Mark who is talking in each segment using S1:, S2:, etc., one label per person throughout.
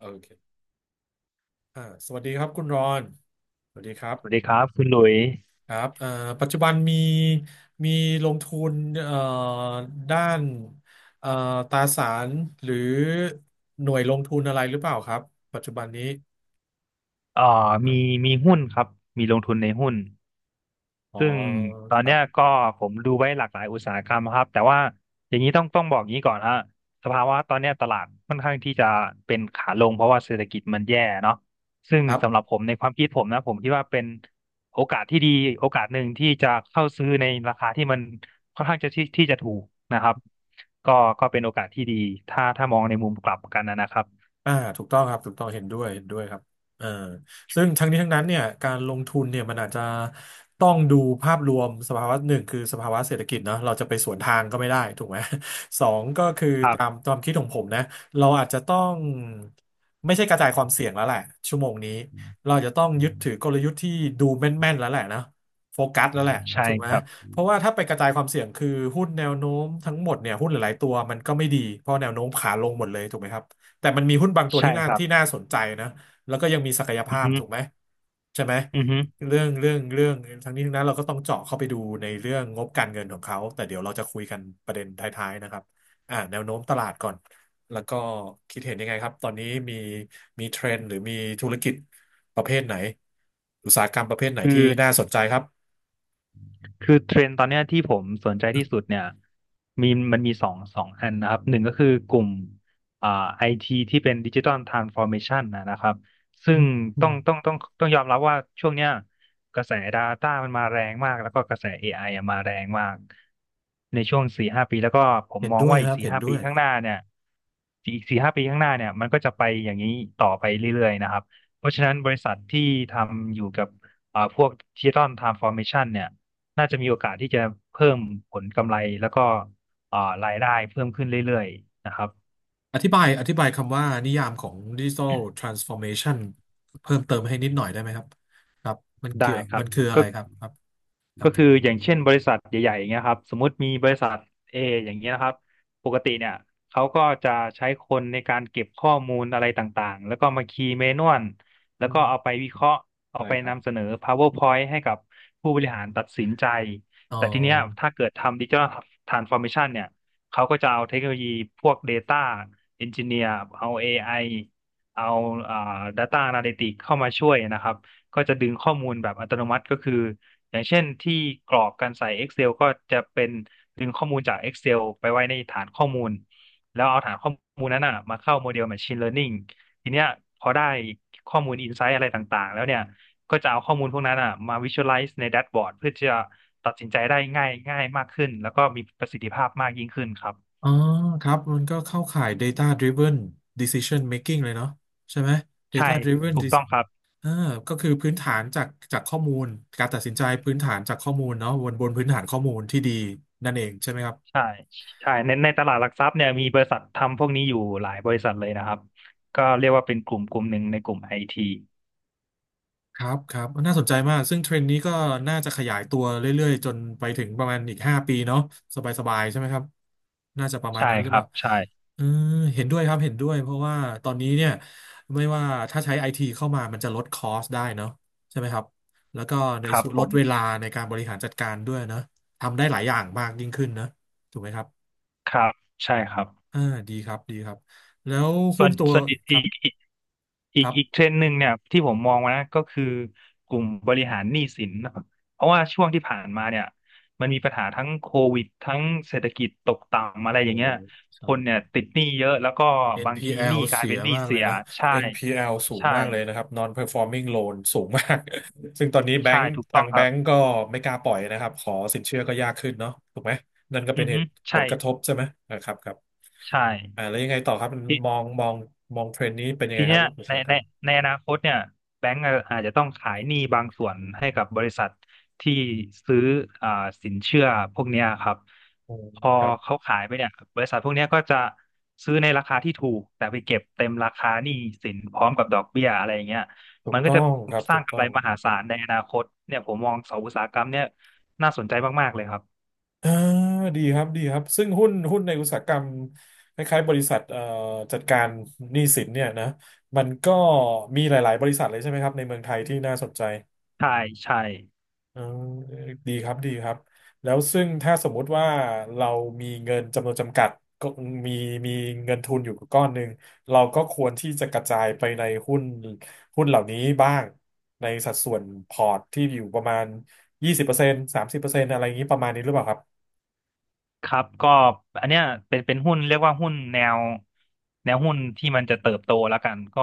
S1: โอเคสวัสดีครับคุณรอนสวัสดีครับ
S2: สวัสดีครับคุณหลุย
S1: ครับปัจจุบันมีลงทุนเอ่อด้านเอ่อตราสารหรือหน่วยลงทุนอะไรหรือเปล่าครับ ปัจจุบันนี้
S2: เอ่อมีมีหุ้นครับมีลงทุนในหุ้น
S1: อ๋อ
S2: ซึ่งตอ
S1: ค
S2: น
S1: รั
S2: เนี้
S1: บ
S2: ยก็ผมดูไว้หลากหลายอุตสาหกรรมครับแต่ว่าอย่างนี้ต้องบอกอย่างนี้ก่อนฮะสภาวะตอนเนี้ยตลาดค่อนข้างที่จะเป็นขาลงเพราะว่าเศรษฐกิจมันแย่เนาะซึ่ง
S1: ครั
S2: สำหรับ
S1: บ
S2: ผมในความคิดผมนะผมคิดว่าเป็นโอกาสที่ดีโอกาสหนึ่งที่จะเข้าซื้อในราคาที่มันค่อนข้างจะที่จะถูกนะครับก็ก็เป็นโอกาสที่ดีถ้ามองในมุมกลับกันนะครับ
S1: อ่าถูกต้องครับถูกต้องเห็นด้วยเห็นด้วยครับเออซึ่งทั้งนี้ทั้งนั้นเนี่ยการลงทุนเนี่ยมันอาจจะต้องดูภาพรวมสภาวะหนึ่งคือสภาวะเศรษฐกิจเนาะเราจะไปสวนทางก็ไม่ได้ถูกไหม สองก็คือ
S2: ครั
S1: ตาม
S2: บ
S1: ความคิดของผมนะเราอาจจะต้องไม่ใช่กระจายความเสี่ยงแล้วแหละชั่วโมงนี้เราจะต้องยึดถือกลยุทธ์ที่ดูแม่นๆแล้วแหละนะโฟกัสแล้วแหละ
S2: ใช่
S1: ถูกไหม
S2: ครับ
S1: เพราะว่าถ้าไปกระจายความเสี่ยงคือหุ้นแนวโน้มทั้งหมดเนี่ยหุ้นหลายๆตัวมันก็ไม่ดี เพราะแนวโน้มขาลงหมดเลยถูกไหมครับ แต่มันมีหุ้นบางตัว
S2: ใช่
S1: ที่น่า
S2: ครับ
S1: ที่น่าสนใจนะแล้วก็ยังมีศักย
S2: อื
S1: ภา
S2: อ
S1: พ
S2: ฮึ
S1: ถูกไหมใช่ไหม
S2: อือฮึ
S1: เรื่องทั้งนี้ทั้งนั้นเราก็ต้องเจาะเข้าไปดูในเรื่องงบการเงินของเขาแต่เดี๋ยวเราจะคุยกันประเด็นท้ายๆนะครับแนวโน้มตลาดก่อนแล้วก็คิดเห็นยังไงครับตอนนี้มีมีเทรนด์หรือมีธุรกิจประเภทไหนอุตสาหกรรมประเภทไหน
S2: คือ
S1: ที่น่าสนใจครับ
S2: คือเทรนด์ตอนเนี้ยที่ผมสนใจที่สุดเนี่ยมีมันมีสองอันนะครับหนึ่งก็คือกลุ่มอ่าไอทีที่เป็นดิจิ t a ลทรานส์ฟอร์เมชันนะครับซึ่ง
S1: อื
S2: ต้องต้
S1: ม
S2: องต้องต้องยอมรับว่าช่วงเนี้ยกระแส Data มันมาแรงมากแล้วก็กระแส AI อไออะมาแรงมากในช่วงสี่ห้าปีแล้วก็ผม
S1: เห็น
S2: มอง
S1: ด้วย
S2: ว่า
S1: ค
S2: อีก
S1: รับ
S2: สี่
S1: เห็น
S2: ห้า
S1: ด้
S2: ปี
S1: วย
S2: ข้างหน้าเนี่ยอีกสี่ห้าปีข้างหน้าเนี่ยมันก็จะไปอย่างนี้ต่อไปเรื่อยๆนะครับเพราะฉะนั้นบริษัทที่ทำอยู่กับพวกดิจิตอลทรานส์ฟอร์เมชันเนี่ย น่าจะมีโอกาสที่จะเพิ่มผลกำไรแล้วก็อ่ารายได้เพิ่มขึ้นเรื่อยๆนะครับ
S1: อธิบายคำว่านิยามของดิจิ t a ลทรานส์ฟอร์เมชันเพิ่มเติมให้นิดหน่อยได้ไหมครับครับมันเกี่
S2: ได้
S1: ยว
S2: ครั
S1: มั
S2: บ
S1: นคืออะ
S2: ก็
S1: ไรครับครับครั
S2: ก็
S1: บ
S2: คืออย่างเช่นบริษัทใหญ่ๆอย่างเงี้ยครับสมมุติมีบริษัท A อย่างเงี้ยนะครับปกติเนี่ยเขาก็จะใช้คนในการเก็บข้อมูลอะไรต่างๆแล้วก็มาคีย์เมนวลแล้
S1: อื
S2: วก็
S1: ม
S2: เอาไปวิเคราะห์เอา
S1: ได้
S2: ไป
S1: ครับ
S2: นำเสนอ PowerPoint ให้กับผู้บริหารตัดสินใจ
S1: อ๋อ
S2: แต่ทีเนี้ยถ้าเกิดทำดิจิ a l Transformation เมชันเนี่ยเขาก็จะเอาเทคโนโลยีพวก Data Engineer เอา AI เอาอ่า Data Analytics เข้ามาช่วยนะครับก็จะดึงข้อมูลแบบอัตโนมัติก็คือ อย่างเช่นที่กรอกการใส่ Excel กเซลก็จะเป็นดึงข้อมูลจาก Excel ไปไว้ในฐานข้อมูลแล้วเอาฐานข้อมูลนั้นน่ะมาเข้าโมเดล Machine Learning ทีเนี้ยพอได้ข้อมูล Insight อะไรต่างๆแล้วเนี่ยก็จะเอาข้อมูลพวกนั้นอ่ะมา Visualize ในแดชบอร์ดเพื่อจะตัดสินใจได้ง่ายง่ายมากขึ้นแล้วก็มีประสิทธิภาพมากยิ่งขึ้นครับ
S1: อ๋อครับมันก็เข้าข่าย Data Driven Decision Making เลยเนาะใช่ไหม
S2: ใช่
S1: Data Driven
S2: ถูกต้อ
S1: Dec-
S2: งครับ
S1: เออก็คือพื้นฐานจากจากข้อมูลการตัดสินใจพื้นฐานจากข้อมูลเนาะบนบนพื้นฐานข้อมูลที่ดีนั่นเองใช่ไหมครับ
S2: ใช่ใช่ในตลาดหลักทรัพย์เนี่ยมีบริษัททำพวกนี้อยู่หลายบริษัทเลยนะครับก็เรียกว่าเป็นกลุ่มกลุ่มหนึ่งในกลุ่มไอที
S1: ครับครับน่าสนใจมากซึ่งเทรนด์นี้ก็น่าจะขยายตัวเรื่อยๆจนไปถึงประมาณอีก5 ปีเนาะสบายๆใช่ไหมครับน่าจะประมาณ
S2: ใช่
S1: นั้นหรื
S2: ค
S1: อเป
S2: รับ
S1: ล่า
S2: ใช่
S1: เออเห็นด้วยครับเห็นด้วยเพราะว่าตอนนี้เนี่ยไม่ว่าถ้าใช้ไอทีเข้ามามันจะลดคอสได้เนาะใช่ไหมครับแล้วก็ใน
S2: ครับ
S1: ส่วน
S2: ผ
S1: ลด
S2: ม
S1: เวลาในการบริหารจัดการด้วยเนาะทำได้หลายอย่างมากยิ่งขึ้นนะถูกไหมครับ
S2: ครับใช่ครับ
S1: อ่าดีครับดีครับแล้ว
S2: ส่
S1: คุ
S2: ว
S1: ณ
S2: น
S1: ตัว
S2: ส่วนอีก
S1: ค
S2: อี
S1: รับ
S2: กอีกอี
S1: ค
S2: ก
S1: รั
S2: อีกเทร
S1: บ
S2: นด์หนึ่งเนี่ยที่ผมมองว่านะก็คือกลุ่มบริหารหนี้สินนะครับเพราะว่าช่วงที่ผ่านมาเนี่ยมันมีปัญหาทั้งโควิดทั้งเศรษฐกิจตกต่ำอะไรอ
S1: โอ้
S2: ย่างเงี้ยค
S1: ใช่
S2: น
S1: ค
S2: เนี่ย
S1: รับ
S2: ติดหนี้เยอะแล้วก็บางทีห
S1: NPL
S2: นี้กลาย
S1: เสี
S2: เป็
S1: ย
S2: นหนี้
S1: มาก
S2: เสี
S1: เลย
S2: ย
S1: นะ
S2: ใช่
S1: NPL สูง
S2: ใช่
S1: มากเลยนะครับ Non-performing loan สูงมาก ซึ่งตอนนี้แบง
S2: ใช่
S1: ค์
S2: ถูก
S1: ทา
S2: ต้อง
S1: ง
S2: ค
S1: แบ
S2: รับ
S1: งค์ก็ไม่กล้าปล่อยนะครับขอสินเชื่อก็ยากขึ้นเนาะถูกไหมนั่นก็
S2: อื
S1: เป็น
S2: อ
S1: เห
S2: ฮึ
S1: ตุผ
S2: ใช่
S1: ลกระทบใช่ไหมนะครับครับ
S2: ใช่
S1: แล้วยังไงต่อครับมันมองเทรนด์นี้เป็นยัง
S2: ที
S1: ไงค
S2: เนี้
S1: รับ
S2: ย
S1: อุต
S2: ใน
S1: สาหกร
S2: ใน
S1: รม
S2: ในอนาคตเนี่ยแบงก์อะอาจจะต้องขายหนี้บางส่วนให้กับบริษัทที่ซื้ออ่าสินเชื่อพวกเนี้ยครับ
S1: อืม
S2: พอ
S1: ครับ
S2: เขาขายไปเนี่ยบริษัทพวกเนี้ยก็จะซื้อในราคาที่ถูกแต่ไปเก็บเต็มราคาหนี้สินพร้อมกับดอกเบี้ยอะไรอย่างเงี้ย
S1: ถู
S2: มั
S1: ก
S2: นก็
S1: ต้อ
S2: จะ
S1: งครับ
S2: ส
S1: ถู
S2: ร้าง
S1: ก
S2: กำ
S1: ต้อ
S2: ไร
S1: ง
S2: มหาศาลในอนาคตเนี่ยผมมองสองอุตสาหกรรมเนี่ยน่าสนใจมากๆเลยครับ
S1: อ่าดีครับดีครับซึ่งหุ้นในอุตสาหกรรมคล้ายๆบริษัทจัดการหนี้สินเนี่ยนะมันก็มีหลายๆบริษัทเลยใช่ไหมครับในเมืองไทยที่น่าสนใจ
S2: ใช่ใช่
S1: อ่าดีครับดีครับแล้วซึ่งถ้าสมมุติว่าเรามีเงินจำนวนจำกัดก็มีมีเงินทุนอยู่ก้อนหนึ่งเราก็ควรที่จะกระจายไปในหุ้นเหล่านี้บ้างในสัดส่วนพอร์ตที่อยู่ประมาณ20%30%อะไรอย่างนี้ประมาณนี้หรือเปล่าครับ
S2: ครับก็อันเนี้ยเป็นหุ้นเรียกว่าหุ้นแนวหุ้นที่มันจะเติบโตแล้วกันก็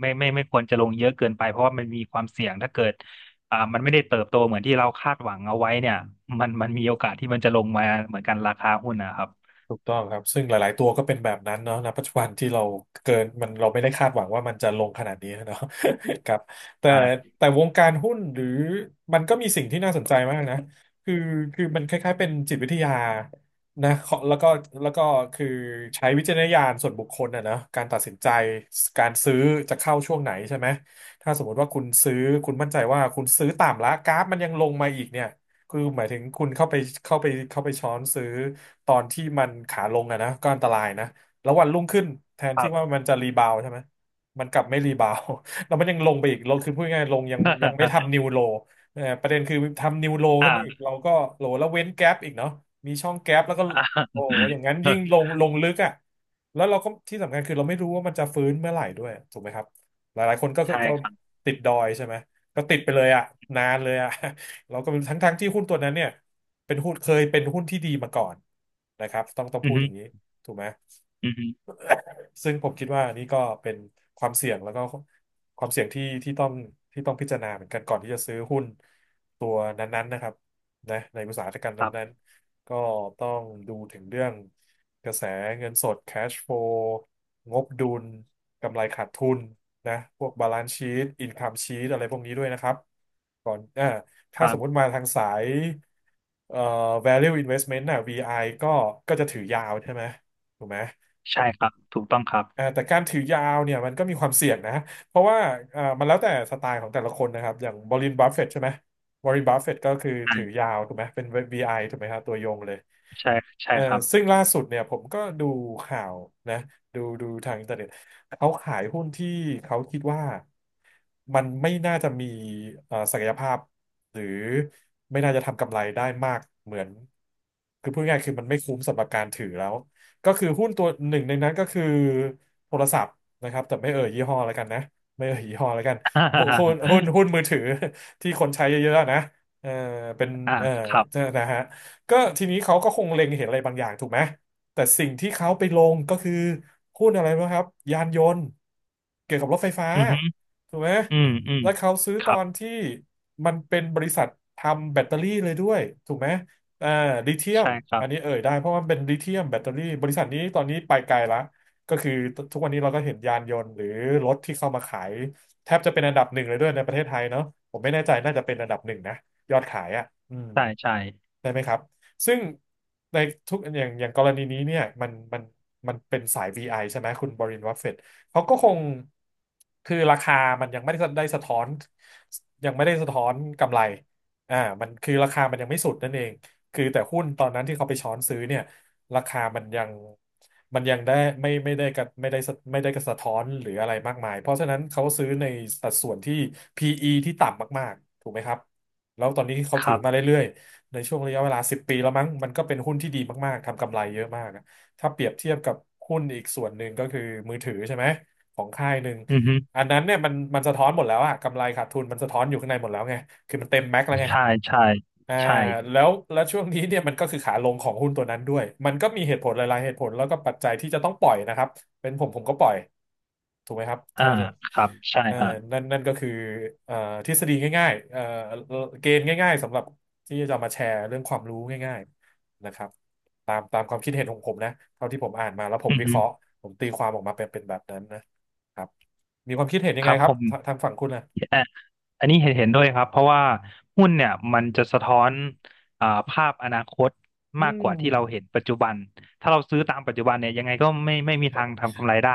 S2: ไม่ควรจะลงเยอะเกินไปเพราะว่ามันมีความเสี่ยงถ้าเกิดมันไม่ได้เติบโตเหมือนที่เราคาดหวังเอาไว้เนี่ยมันมีโอกาสที่มันจะลงมาเหมือนกันราคาหุ้นนะครับ
S1: ถูกต้องครับซึ่งหลายๆตัวก็เป็นแบบนั้นเนาะณปัจจุบันที่เราเกินมันเราไม่ได้คาดหวังว่ามันจะลงขนาดนี้เนาะ ครับแต่
S2: อ่า
S1: แต่วงการหุ้นหรือมันก็มีสิ่งที่น่าสนใจมากนะคือคือมันคล้ายๆเป็นจิตวิทยานะขอแล้วก็แล้วก็คือใช้วิจารณญาณส่วนบุคคลอะนะการตัดสินใจการซื้อจะเข้าช่วงไหนใช่ไหมถ้าสมมติว่าคุณซื้อคุณมั่นใจว่าคุณซื้อต่ำแล้วกราฟมันยังลงมาอีกเนี่ย คือหมายถึงคุณเข้าไปช้อนซื้อตอนที่มันขาลงอะนะก็อันตรายนะแล้ววันรุ่งขึ้นแทน
S2: ครั
S1: ที่
S2: บ
S1: ว่ามันจะรีบาวด์ใช่ไหมมันกลับไม่รีบาวด์ แล้วมันยังลงไปอีกลงคือพูดง่ายๆลงยังยังไม่ ทำนิวโลประเด็นคือทำนิวโลขึ้นมาอีก
S2: อ่า
S1: เราก็โลแล้วเว้นแก๊ปอีกเนาะมีช่องแก๊ปแล้วก็โอ้ อย่างนั้นยิ่ง
S2: อ่า
S1: ลงลงลึกอะแล้วเราก็ที่สำคัญคือเราไม่รู้ว่ามันจะฟื้นเมื่อไหร่ด้วยถูกไหมครับหลายๆคนก็ก็
S2: ใช่
S1: ก็
S2: ครับ
S1: ติดดอยใช่ไหมก็ติดไปเลยอะนานเลยอะ เราก็เป็นทั้งที่หุ้นตัวนั้นเนี่ยเป็นหุ้นเคยเป็นหุ้นที่ดีมาก่อนนะครับต้อง
S2: อื
S1: พู
S2: อ
S1: ด
S2: ฮึ
S1: อย่างนี้ถูกไหม
S2: อือฮึ
S1: ซึ่งผมคิดว่าอันนี้ก็เป็นความเสี่ยงแล้วก็ความเสี่ยงที่ต้องที่ต้องพิจารณาเหมือนกันก่อนที่จะซื้อหุ้นตัวนั้นๆนะครับนะในอุตสาหกรรม
S2: ครั
S1: นั้น
S2: บ
S1: ๆก็ต้องดูถึงเรื่องกระแสเงินสด cash flow งบดุลกำไรขาดทุนนะพวก balance sheet income sheet อะไรพวกนี้ด้วยนะครับก่อนอ่า
S2: ค
S1: ถ้า
S2: รั
S1: สมมุติ
S2: บ
S1: มาทางสายเอ่อ value investment น่ะ VI ก็ก็จะถือยาวใช่ไหมถูกไหม
S2: ใช่ครับถูกต้องครับ
S1: อ่าแต่การถือยาวเนี่ยมันก็มีความเสี่ยงนะเพราะว่าอ่ามันแล้วแต่สไตล์ของแต่ละคนนะครับอย่างวอร์เรนบัฟเฟตใช่ไหมวอร์เรนบัฟเฟตก็คือ
S2: อ่
S1: ถือ
S2: า
S1: ยาวถูกไหมเป็น VI ถูกไหมครับตัวยงเลย
S2: ใช่ใช่
S1: เอ่อ
S2: ครับ
S1: ซึ่งล่าสุดเนี่ยผมก็ดูข่าวนะดูทางอินเทอร์เน็ตเขาขายหุ้นที่เขาคิดว่ามันไม่น่าจะมีศักยภาพหรือไม่น่าจะทำกำไรได้มากเหมือนคือพูดง่ายๆคือมันไม่คุ้มสำหรับการถือแล้ว ก็คือหุ้นตัวหนึ่งในนั้นก็คือโทรศัพท์นะครับแต่ไม่เอ่ยยี่ห้อแล้วกันนะไม่เอ่ยยี่ห้อแล้วกันหุ้นหุ้น หุ้นมือถือ ที่คนใช้เยอะๆนะเออเป็น
S2: อ่า
S1: เออ
S2: ครับ
S1: นะฮะก็ทีนี้เขาก็คงเล็งเห็นอะไรบางอย่างถูกไหมแต่สิ่งที่เขาไปลงก็คือหุ้นอะไรนะครับยานยนต์เกี่ยวกับรถไฟฟ้า
S2: อือฮึ
S1: ถูกไหม
S2: อืมอืม
S1: แล้วเขาซื้อ
S2: ค
S1: ต
S2: รั
S1: อ
S2: บ
S1: นที่มันเป็นบริษัททำแบตเตอรี่เลยด้วยถูกไหม อ่าลิเธียม
S2: ใช่ครั
S1: อั
S2: บ
S1: นนี้เอ่ยได้เพราะว่าเป็นลิเธียมแบตเตอรี่บริษัทนี้ตอนนี้ไปไกลละก็คือทุกวันนี้เราก็เห็นยานยนต์หรือรถที่เข้ามาขายแทบจะเป็นอันดับหนึ่งเลยด้วยในประเทศไทยเนาะผมไม่แน่ใจน่าจะเป็นอันดับหนึ่งนะยอดขายอ่ะอืม
S2: ใช่ใช่
S1: ได้ไหมครับ ซึ่งในทุกอย่างอย่างกรณีนี้เนี่ยมันมันเป็นสาย VI ใช่ไหมคุณบรินวัฟเฟตเขาก็คงคือราคามันยังไม่ได้สะท้อนยังไม่ได้สะท้อนกำไรอ่ามันคือราคามันยังไม่สุดนั่นเอง คือแต่หุ้นตอนนั้นที่เขาไปช้อนซื้อเนี่ยราคามันยังมันยังได้ไม่ได้กับไม่ได้สะไม่ได้กระสะท้อนหรืออะไรมากมายเพราะฉะนั้นเขาซื้อในสัดส่วนที่ PE ที่ต่ำมากๆถูกไหมครับแล้วตอนนี้เขา
S2: ค
S1: ถือ
S2: รั
S1: มา
S2: บ
S1: เรื่อย ในช่วงระยะเวลา10 ปีแล้วมั้งมันก็เป็นหุ้นที่ดีมากๆทำกำไรเยอะมากอะถ้าเปรียบเทียบกับหุ้นอีกส่วนหนึ่งก็คือมือถือใช่ไหมของค่ายหนึ่ง
S2: อือฮึ
S1: อันนั้นเนี่ยมันสะท้อนหมดแล้วอะกำไรขาดทุนมันสะท้อนอยู่ข้างในหมดแล้วไงคือมันเต็มแม็กซ์แล้วไง
S2: ใช่ใช่
S1: อ่า
S2: ใช่
S1: แล้วช่วงนี้เนี่ยมันก็คือขาลงของหุ้นตัวนั้นด้วยมันก็มีเหตุผลหลายๆเหตุผลแล้วก็ปัจจัยที่จะต้องปล่อยนะครับ เป็นผมก็ปล่อยถูกไหมครับ
S2: อ่า
S1: ถ้าจะ
S2: ครับใช่
S1: เอ่อ
S2: ฮะ
S1: นั่นก็คือเอ่อทฤษฎีง่ายๆเกณฑ์ง่ายๆสำหรับที่จะมาแชร์เรื่องความรู้ง่ายๆนะครับตามความคิดเห็นของผมนะเท่าที่ผมอ่านมาแล้วผม
S2: อือ
S1: วิเค
S2: ฮึ
S1: ราะห์ผมตีความออกมาเป็นเป็นแบบนั้นนะครับมีความคิดเห็นยัง
S2: ค
S1: ไง
S2: รับ
S1: ครั
S2: ผ
S1: บ
S2: ม
S1: ทางฝั่งคุณนะ
S2: อ่ะอันนี้เห็นด้วยครับเพราะว่าหุ้นเนี่ยมันจะสะท้อนภาพอนาคต
S1: อื
S2: มาก
S1: ม
S2: กว่าที่เราเห็นปัจจุบันถ้าเราซื้อตามปัจจุบันเนี่ยยังไงก็ไม่มีทางทำกำไรได้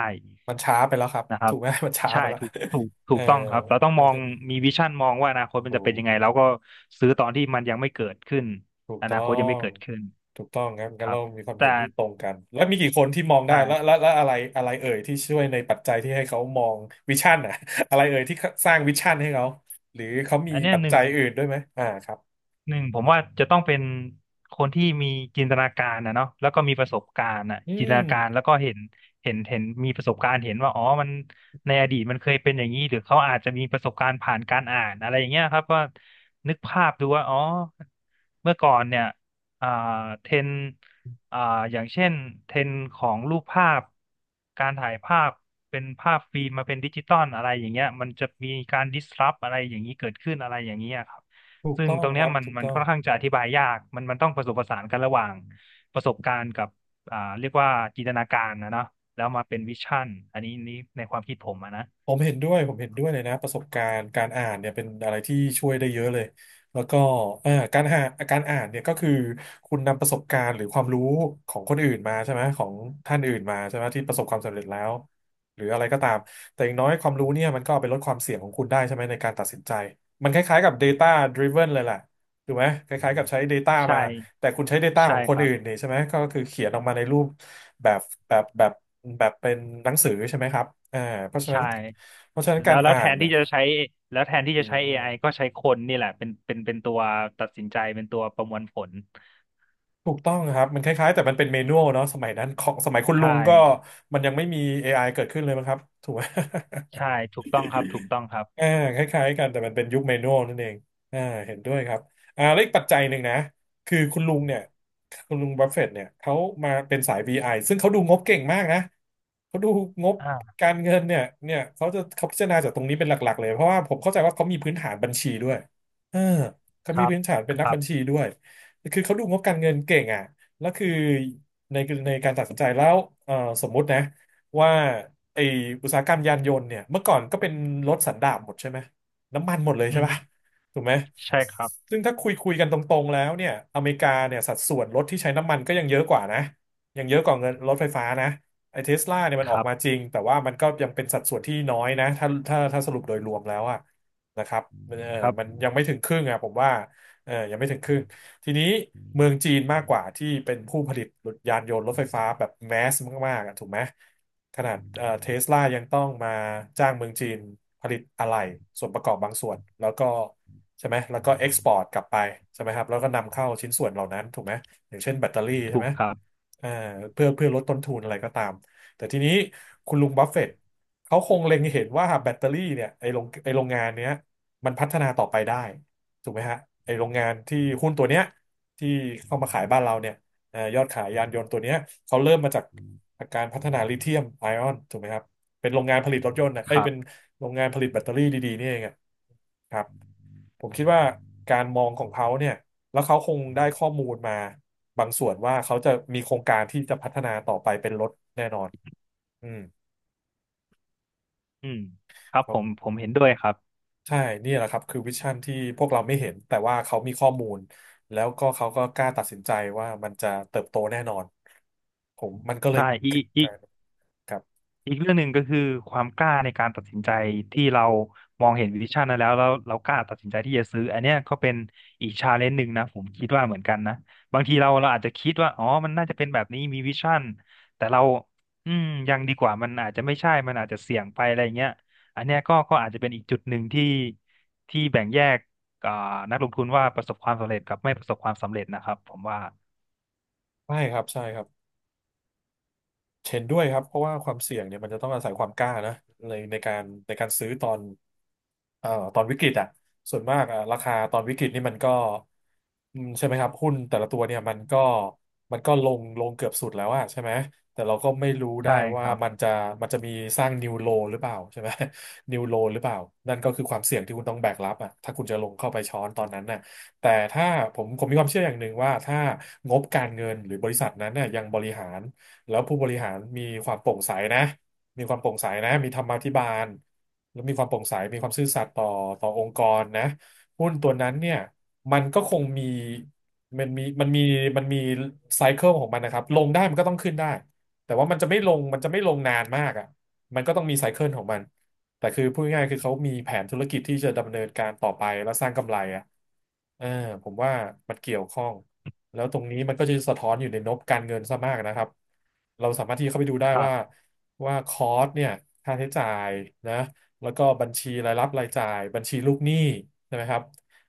S1: มันช้าไปแล้วครับ
S2: นะครั
S1: ถู
S2: บ
S1: กไหม มันช้า
S2: ใช่
S1: ไปแล้ว
S2: ถูกถูก
S1: เอ
S2: ถู
S1: อ
S2: กต้องครับเราต้องมองมีวิชั่นมองว่าอนาคตมัน
S1: ถู
S2: จะเป็น
S1: ก
S2: ยังไงแล้วก็ซื้อตอนที่มันยังไม่เกิดขึ้น
S1: ถูก
S2: อ
S1: ต้
S2: นา
S1: อ
S2: คตยังไม่
S1: ง
S2: เกิดขึ้น
S1: ถูกต้องครับ
S2: ค
S1: งั้น
S2: รั
S1: เรา
S2: บ
S1: มีความเห็น
S2: แต่
S1: ที่ตรงกัน แล้วมีกี่คนที่มองได้
S2: ใช่
S1: แล้วอะไรอะไรเอ่ยที่ช่วยในปัจจัยที่ให้เขามองวิชั่นอะ อะไรเอ่ยที่สร้างวิชั่นให้เขาหรือเขามี
S2: อันเนี้ย
S1: ปัจ
S2: หนึ่
S1: จั
S2: ง
S1: ยอื่นด้วยไหมอ่าครับ
S2: ผมว่าจะต้องเป็นคนที่มีจินตนาการนะเนาะแล้วก็มีประสบการณ์อ่ะ
S1: อื
S2: จินต
S1: ม
S2: นาการแล้วก็เห็นมีประสบการณ์เห็นว่าอ๋อมันในอดีตมันเคยเป็นอย่างนี้หรือเขาอาจจะมีประสบการณ์ผ่านการอ่านอะไรอย่างเงี้ยครับว่านึกภาพดูว่าอ๋อเมื่อก่อนเนี่ยอ่าเทรนด์อ่าอย่างเช่นเทรนด์ของรูปภาพการถ่ายภาพเป็นภาพฟิล์มมาเป็นดิจิตอลอะไรอย่างเงี้ยมันจะมีการดิสรัปอะไรอย่างนี้เกิดขึ้นอะไรอย่างเงี้ยครับ
S1: ถูก
S2: ซึ่ง
S1: ต้อง
S2: ตรง
S1: ค
S2: เนี้ย
S1: รับ
S2: มัน
S1: ถูก
S2: มัน
S1: ต้อง
S2: ค่อนข้างจะอธิบายยากมันต้องผสมผสานกันระหว่างประสบการณ์กับเรียกว่าจินตนาการนะเนาะแล้วมาเป็นวิชั่นอันนี้นี่ในความคิดผมอะนะ
S1: ผมเห็นด้วย ผมเห็นด้วยเลยนะประสบการณ์การอ่านเนี่ยเป็นอะไรที่ช่วยได้เยอะเลยแล้วก็การหาการอ่านเนี่ยก็คือคุณนำประสบการณ์หรือความรู้ของคนอื่นมาใช่ไหมของท่านอื่นมาใช่ไหมที่ประสบความสำเร็จแล้วหรืออะไรก็ตามแต่อย่างน้อยความรู้เนี่ยมันก็เอาไปลดความเสี่ยงของคุณได้ใช่ไหมในการตัดสินใจมันคล้ายๆกับ Data Driven เลยแหละถูกไหมคล้ายๆกับใช้ Data
S2: ใช่
S1: มาแต่คุณใช้ Data ข
S2: ใช่
S1: องค
S2: ค
S1: น
S2: รั
S1: อื่
S2: บ
S1: นนี่ใช่ไหมก็คือเขียนออกมาในรูป แบบแบบแบบเป็นหนังสือใช่ไหมครับอ่าเพราะฉะ
S2: ใช่
S1: นั้นเพราะฉะนั้นกา
S2: แล้
S1: ร
S2: วแล้ว
S1: อ่า
S2: แท
S1: น
S2: น
S1: เนี่
S2: ที่
S1: ย
S2: จะใช้แล้วแทนที่จะ
S1: ดี
S2: ใช้
S1: มา
S2: AI
S1: ก
S2: ก็ใช้คนนี่แหละเป็นตัวตัดสินใจเป็นตัวประมวลผล
S1: ๆถูกต้องครับมันคล้ายๆแต่มันเป็นเมนูเนาะสมัยนั้นของสมัยคุณลุ
S2: ใช่
S1: งก็มันยังไม่มี AI เกิดขึ้นเลยมั้งครับถูกไหม
S2: ใช่ถูกต้องครับ.ถูกต้องครับ
S1: อ่าคล้ายๆกันแต่มันเป็นยุคเมนูนั่นเองอ่าเห็นด้วยครับอ่าแล้วอีกปัจจัยหนึ่งนะคือคุณลุงเนี่ยคุณลุงบัฟเฟตต์เนี่ยเขามาเป็นสาย BI ซึ่งเขาดูงบเก่งมากนะเขาดูงบ
S2: อ่า
S1: การเงินเนี่ยเขาพิจารณาจากตรงนี้เป็นหลักๆเลยเพราะว่าผมเข้าใจว่าเขามีพื้นฐานบัญชีด้วยเออเขา
S2: ค
S1: มี
S2: รับ
S1: พื้นฐานเป็น
S2: ค
S1: นัก
S2: รั
S1: บั
S2: บ
S1: ญชีด้วยคือเขาดูงบการเงินเก่งอ่ะแล้วคือในในการตัดสินใจแล้วเออสมมุตินะว่า ไออุตสาหกรรมยานยนต์เนี่ยเมื่อก่อนก็เป็นรถสันดาปหมดใช่ไหมน้ำมันหมดเลย
S2: อื
S1: ใช่
S2: อฮึ
S1: ป่ะถูกไหม
S2: ใช่ครับ
S1: ซึ่งถ้าคุยกันตรงๆแล้วเนี่ยอเมริกาเนี่ยสัดส่วนรถที่ใช้น้ำมันก็ยังเยอะกว่านะยังเยอะกว่าเงินรถไฟฟ้านะไอเทสลาเนี่ยมั
S2: ค
S1: นออก
S2: รั
S1: มาจ
S2: บ
S1: ริงแต่ว่ามันก็ยังเป็นสัดส่วนที่น้อยนะถ้าสรุปโดยรวมแล้วอะนะครับมันเออ
S2: ครับ
S1: มันยังไม่ถึงครึ่งอะผมว่า เออยังไม่ถึงครึ่ง ทีนี้เมืองจีนมากกว่าที่เป็นผู้ผลิตยานยนต์รถไฟฟ้าแบบแมสมากๆอะถูกไหมขนาดเทสลายังต้องมาจ้างเมืองจีนผลิตอะไหล่ส่วนประกอบบางส่วนแล้วก็ใช่ไหมแล้วก็เอ็กซ์พอร์ตกลับไปใช่ไหมครับแล้วก็นำเข้าชิ้นส่วนเหล่านั้นถูกไหมอย่างเช่นแบตเตอรี่ใช่
S2: ถู
S1: ไห
S2: ก
S1: ม
S2: ครับ
S1: เอ่อเพื่อลดต้นทุนอะไรก็ตามแต่ทีนี้คุณลุงบัฟเฟตต์เขาคงเล็งเห็นว่าแบตเตอรี่เนี่ยไอโรงงานเนี้ยมันพัฒนาต่อไปได้ ถูกไหมฮะไอโรงงานที่หุ้นตัวเนี้ยที่เข้ามาขายบ้านเราเนี่ยยอดขายยานยนต์ตัวเนี้ยเขาเริ่มมาจากการพัฒนาลิเธียมไอออนถูกไหมครับเป็นโรงงานผลิตรถยนต์นะ
S2: ค
S1: เอ้ย
S2: รั
S1: เป็น
S2: บ
S1: โรงงานผลิตแบตเตอรี่ดีๆนี่เองอะครับผมคิดว่าการมองของเขาเนี่ยแล้วเขาคงได้ข้อมูลมาบางส่วนว่าเขาจะมีโครงการที่จะพัฒนาต่อไปเป็นรถแน่นอนอืม
S2: อืมครับผมเห็นด้วยครับ
S1: ใช่ นี่แหละครับ คือวิชั่นที่พวกเราไม่เห็น แต่ว่าเขามีข้อมูล แล้วก็เขาก็กล้าตัดสินใจว่ามันจะเติบโตแน่นอน ผมมันก็เล
S2: ใช่
S1: ยกลายเป็นครับ
S2: อีกเรื่องหนึ่งก็คือความกล้าในการตัดสินใจที่เรามองเห็นวิชั่นนั้นแล้วเรากล้าตัดสินใจที่จะซื้ออันเนี้ยก็เป็นอีกชาเลนจ์หนึ่งนะผมคิดว่าเหมือนกันนะบางทีเราอาจจะคิดว่าอ๋อมันน่าจะเป็นแบบนี้มีวิชั่นแต่เราอืมยังดีกว่ามันอาจจะไม่ใช่มันอาจจะเสี่ยงไปอะไรเงี้ยอันเนี้ยก็อาจจะเป็นอีกจุดหนึ่งที่แบ่งแยกอ่านักลงทุนว่าประสบความสำเร็จกับไม่ประสบความสำเร็จนะครับผมว่า
S1: ใช่ครับ ใช่ครับ เห็นด้วยครับเพราะว่าความเสี่ยงเนี่ยมันจะต้องอาศัยความกล้านะในการซื้อตอนเอ่อตอนวิกฤตอ่ะส่วนมากอ่ะราคาตอนวิกฤตนี่มันก็อืมใช่ไหมครับหุ้นแต่ละตัวเนี่ยมันก็ลงเกือบสุดแล้วอะใช่ไหมแต่เราก็ไม่รู้ได้
S2: ใช่ค
S1: ว่า
S2: รับ
S1: มันจะมีสร้างนิวโลหรือเปล่าใช่ไหม นิวโลหรือเปล่านั่นก็คือความเสี่ยงที่คุณต้องแบกรับอ่ะถ้าคุณจะลงเข้าไปช้อนตอนนั้นน่ะแต่ถ้าผมมีความเชื่ออย่างหนึ่งว่าถ้างบการเงินหรือบริษัทนั้นเนี่ยยังบริหาร แล้วผู้บริหารมีความโปร่งใสนะมีความโปร่งใสนะมีธรรมาภิบาลแล้วมีความโปร่งใสมีความซื่อสัตย์ต่อองค์กรนะหุ้นตัวนั้นเนี่ยมันก็คงมีมันมีมันมีมันมีไซเคิลของมันนะครับ ลงได้มันก็ต้องขึ้นได้ แต่ว่ามันจะไม่ลงนานมากอ่ะมันก็ต้องมีไซเคิลของมันแต่คือพูดง่ายๆคือเขามีแผนธุรกิจที่จะดำเนินการต่อไปแล้วสร้างกำไรอ่ะเออผมว่ามันเกี่ยวข้อง แล้วตรงนี้มันก็จะสะท้อนอยู่ในงบการเงินซะมากนะครับเราสามารถที่เข้าไปดูได้
S2: ครั
S1: ว่า
S2: บ
S1: คอสเนี่ยค่าใช้จ่ายนะแล้วก็บัญชีรายรับรายจ่ายบัญชีลูกหนี้ใช่ไหมครับ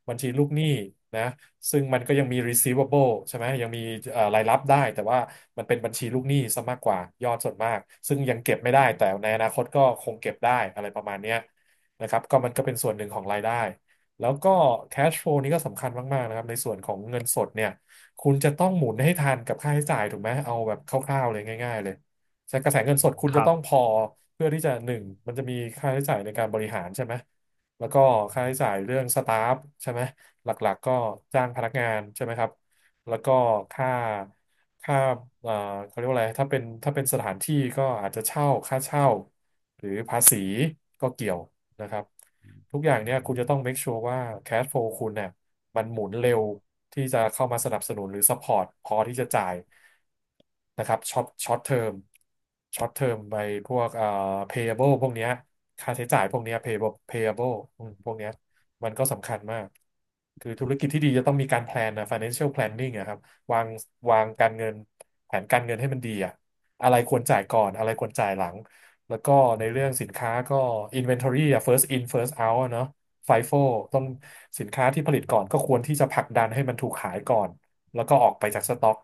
S1: บัญชีลูกหนี้นะซึ่งมันก็ยังมี receivable ใช่ไหมยังมีรายรับได้แต่ว่ามันเป็นบัญชีลูกหนี้ซะมากกว่ายอดส่วนมากซึ่งยังเก็บไม่ได้แต่ในอนาคตก็คงเก็บได้อะไรประมาณเนี้ยนะครับก็มันก็เป็นส่วนหนึ่งของรายได้แล้วก็ cash flow นี่ก็สำคัญมากๆนะครับในส่วนของเงินสดเนี่ย คุณจะต้องหมุนให้ทันกับค่าใช้จ่ายถูกไหมเอาแบบคร่าวๆเลยง่ายๆเลยใช้กระแสเงินสดคุณ
S2: ค
S1: จะ
S2: รั
S1: ต้องพ
S2: บ
S1: อเพื่อที่จะหนึ่งมันจะมีค่าใช้จ่ายในการบริหารใช่ไหมแล้วก็ค่าใช้จ่ายเรื่องสตาฟใช่ไหมหลักๆก็จ้างพนักงานใช่ไหมครับแล้วก็ค่าค่าเอ่อเขาเรียกว่าอะไรถ้าเป็นสถานที่ก็อาจจะเช่าค่าเช่าหรือภาษีก็เกี่ยว นะครับทุกอย่างเนี่ยคุณจะต้อง make sure ว่า cash flow คุณเนี่ยมันหมุนเร็วที่จะเข้ามาสนับสนุนหรือ support พอที่จะจ่ายนะครับช็อตเทอมช็อตเทอมไปพวกpayable พวกเนี้ยค่าใช้จ่ายพวกเนี้ย payable อืมพวกเนี้ยมันก็สำคัญมากคือธุรกิจที่ดีจะต้องมีการ plan นนะ financial planning อะครับวางวางการเงินแผนการเงินให้มันดีอะอะไรควรจ่ายก่อนอะไรควรจ่ายหลัง แล้วก็ในเรื่องสินค้าก็ inventory อะ first in first out อะเนาะ FIFO ต้องสินค้าที่ผลิตก่อนก็ควรที่จะผลักดันให้มันถูกขายก่อนแล้วก็ออกไปจากสต็อก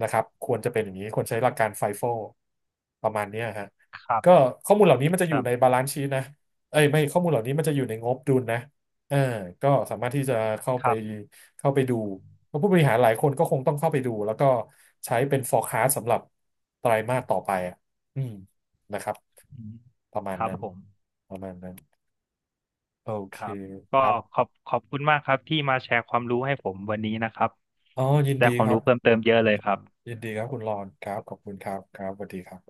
S1: นะครับควรจะเป็นอย่างนี้ควรใช้หลักการ FIFO ประมาณเนี้ยฮะ
S2: ครั
S1: ก็
S2: บ
S1: ข้อมูลเหล่านี้มันจะอยู่ใน
S2: ค
S1: บาลานซ์ชี t นะเอ้ยไม่ข้อมูลเหล่านี้มันจะอยู่ในงบดุลนะเออก็สามารถที่จะเข้าไป
S2: รับ
S1: เข้าไปดูเพราะผู้บริหารหลายคนก็คงต้องเข้าไปดูแล้วก็ใช้เป็น forecast สำหรับไตรมาสต่อไปอะอืมนะครับ
S2: อืม
S1: ประมา
S2: ค
S1: ณ
S2: รับ
S1: นั้น
S2: ผม
S1: ประมาณนั้นโอ
S2: ค
S1: เค
S2: รับ
S1: ค
S2: ก็
S1: รั
S2: ข
S1: บ
S2: อบขอบคุณมากครับที่มาแชร์ความรู้ให้ผมวันนี้นะครับ
S1: อ๋อยิน
S2: ได้
S1: ดี
S2: ควา
S1: ค
S2: ม
S1: รั
S2: รู้
S1: บ
S2: เพิ่มเติมเยอะเลยครับ
S1: ยินดีครับคุณรอนครับขอบคุณครับครับสวัสดีครับ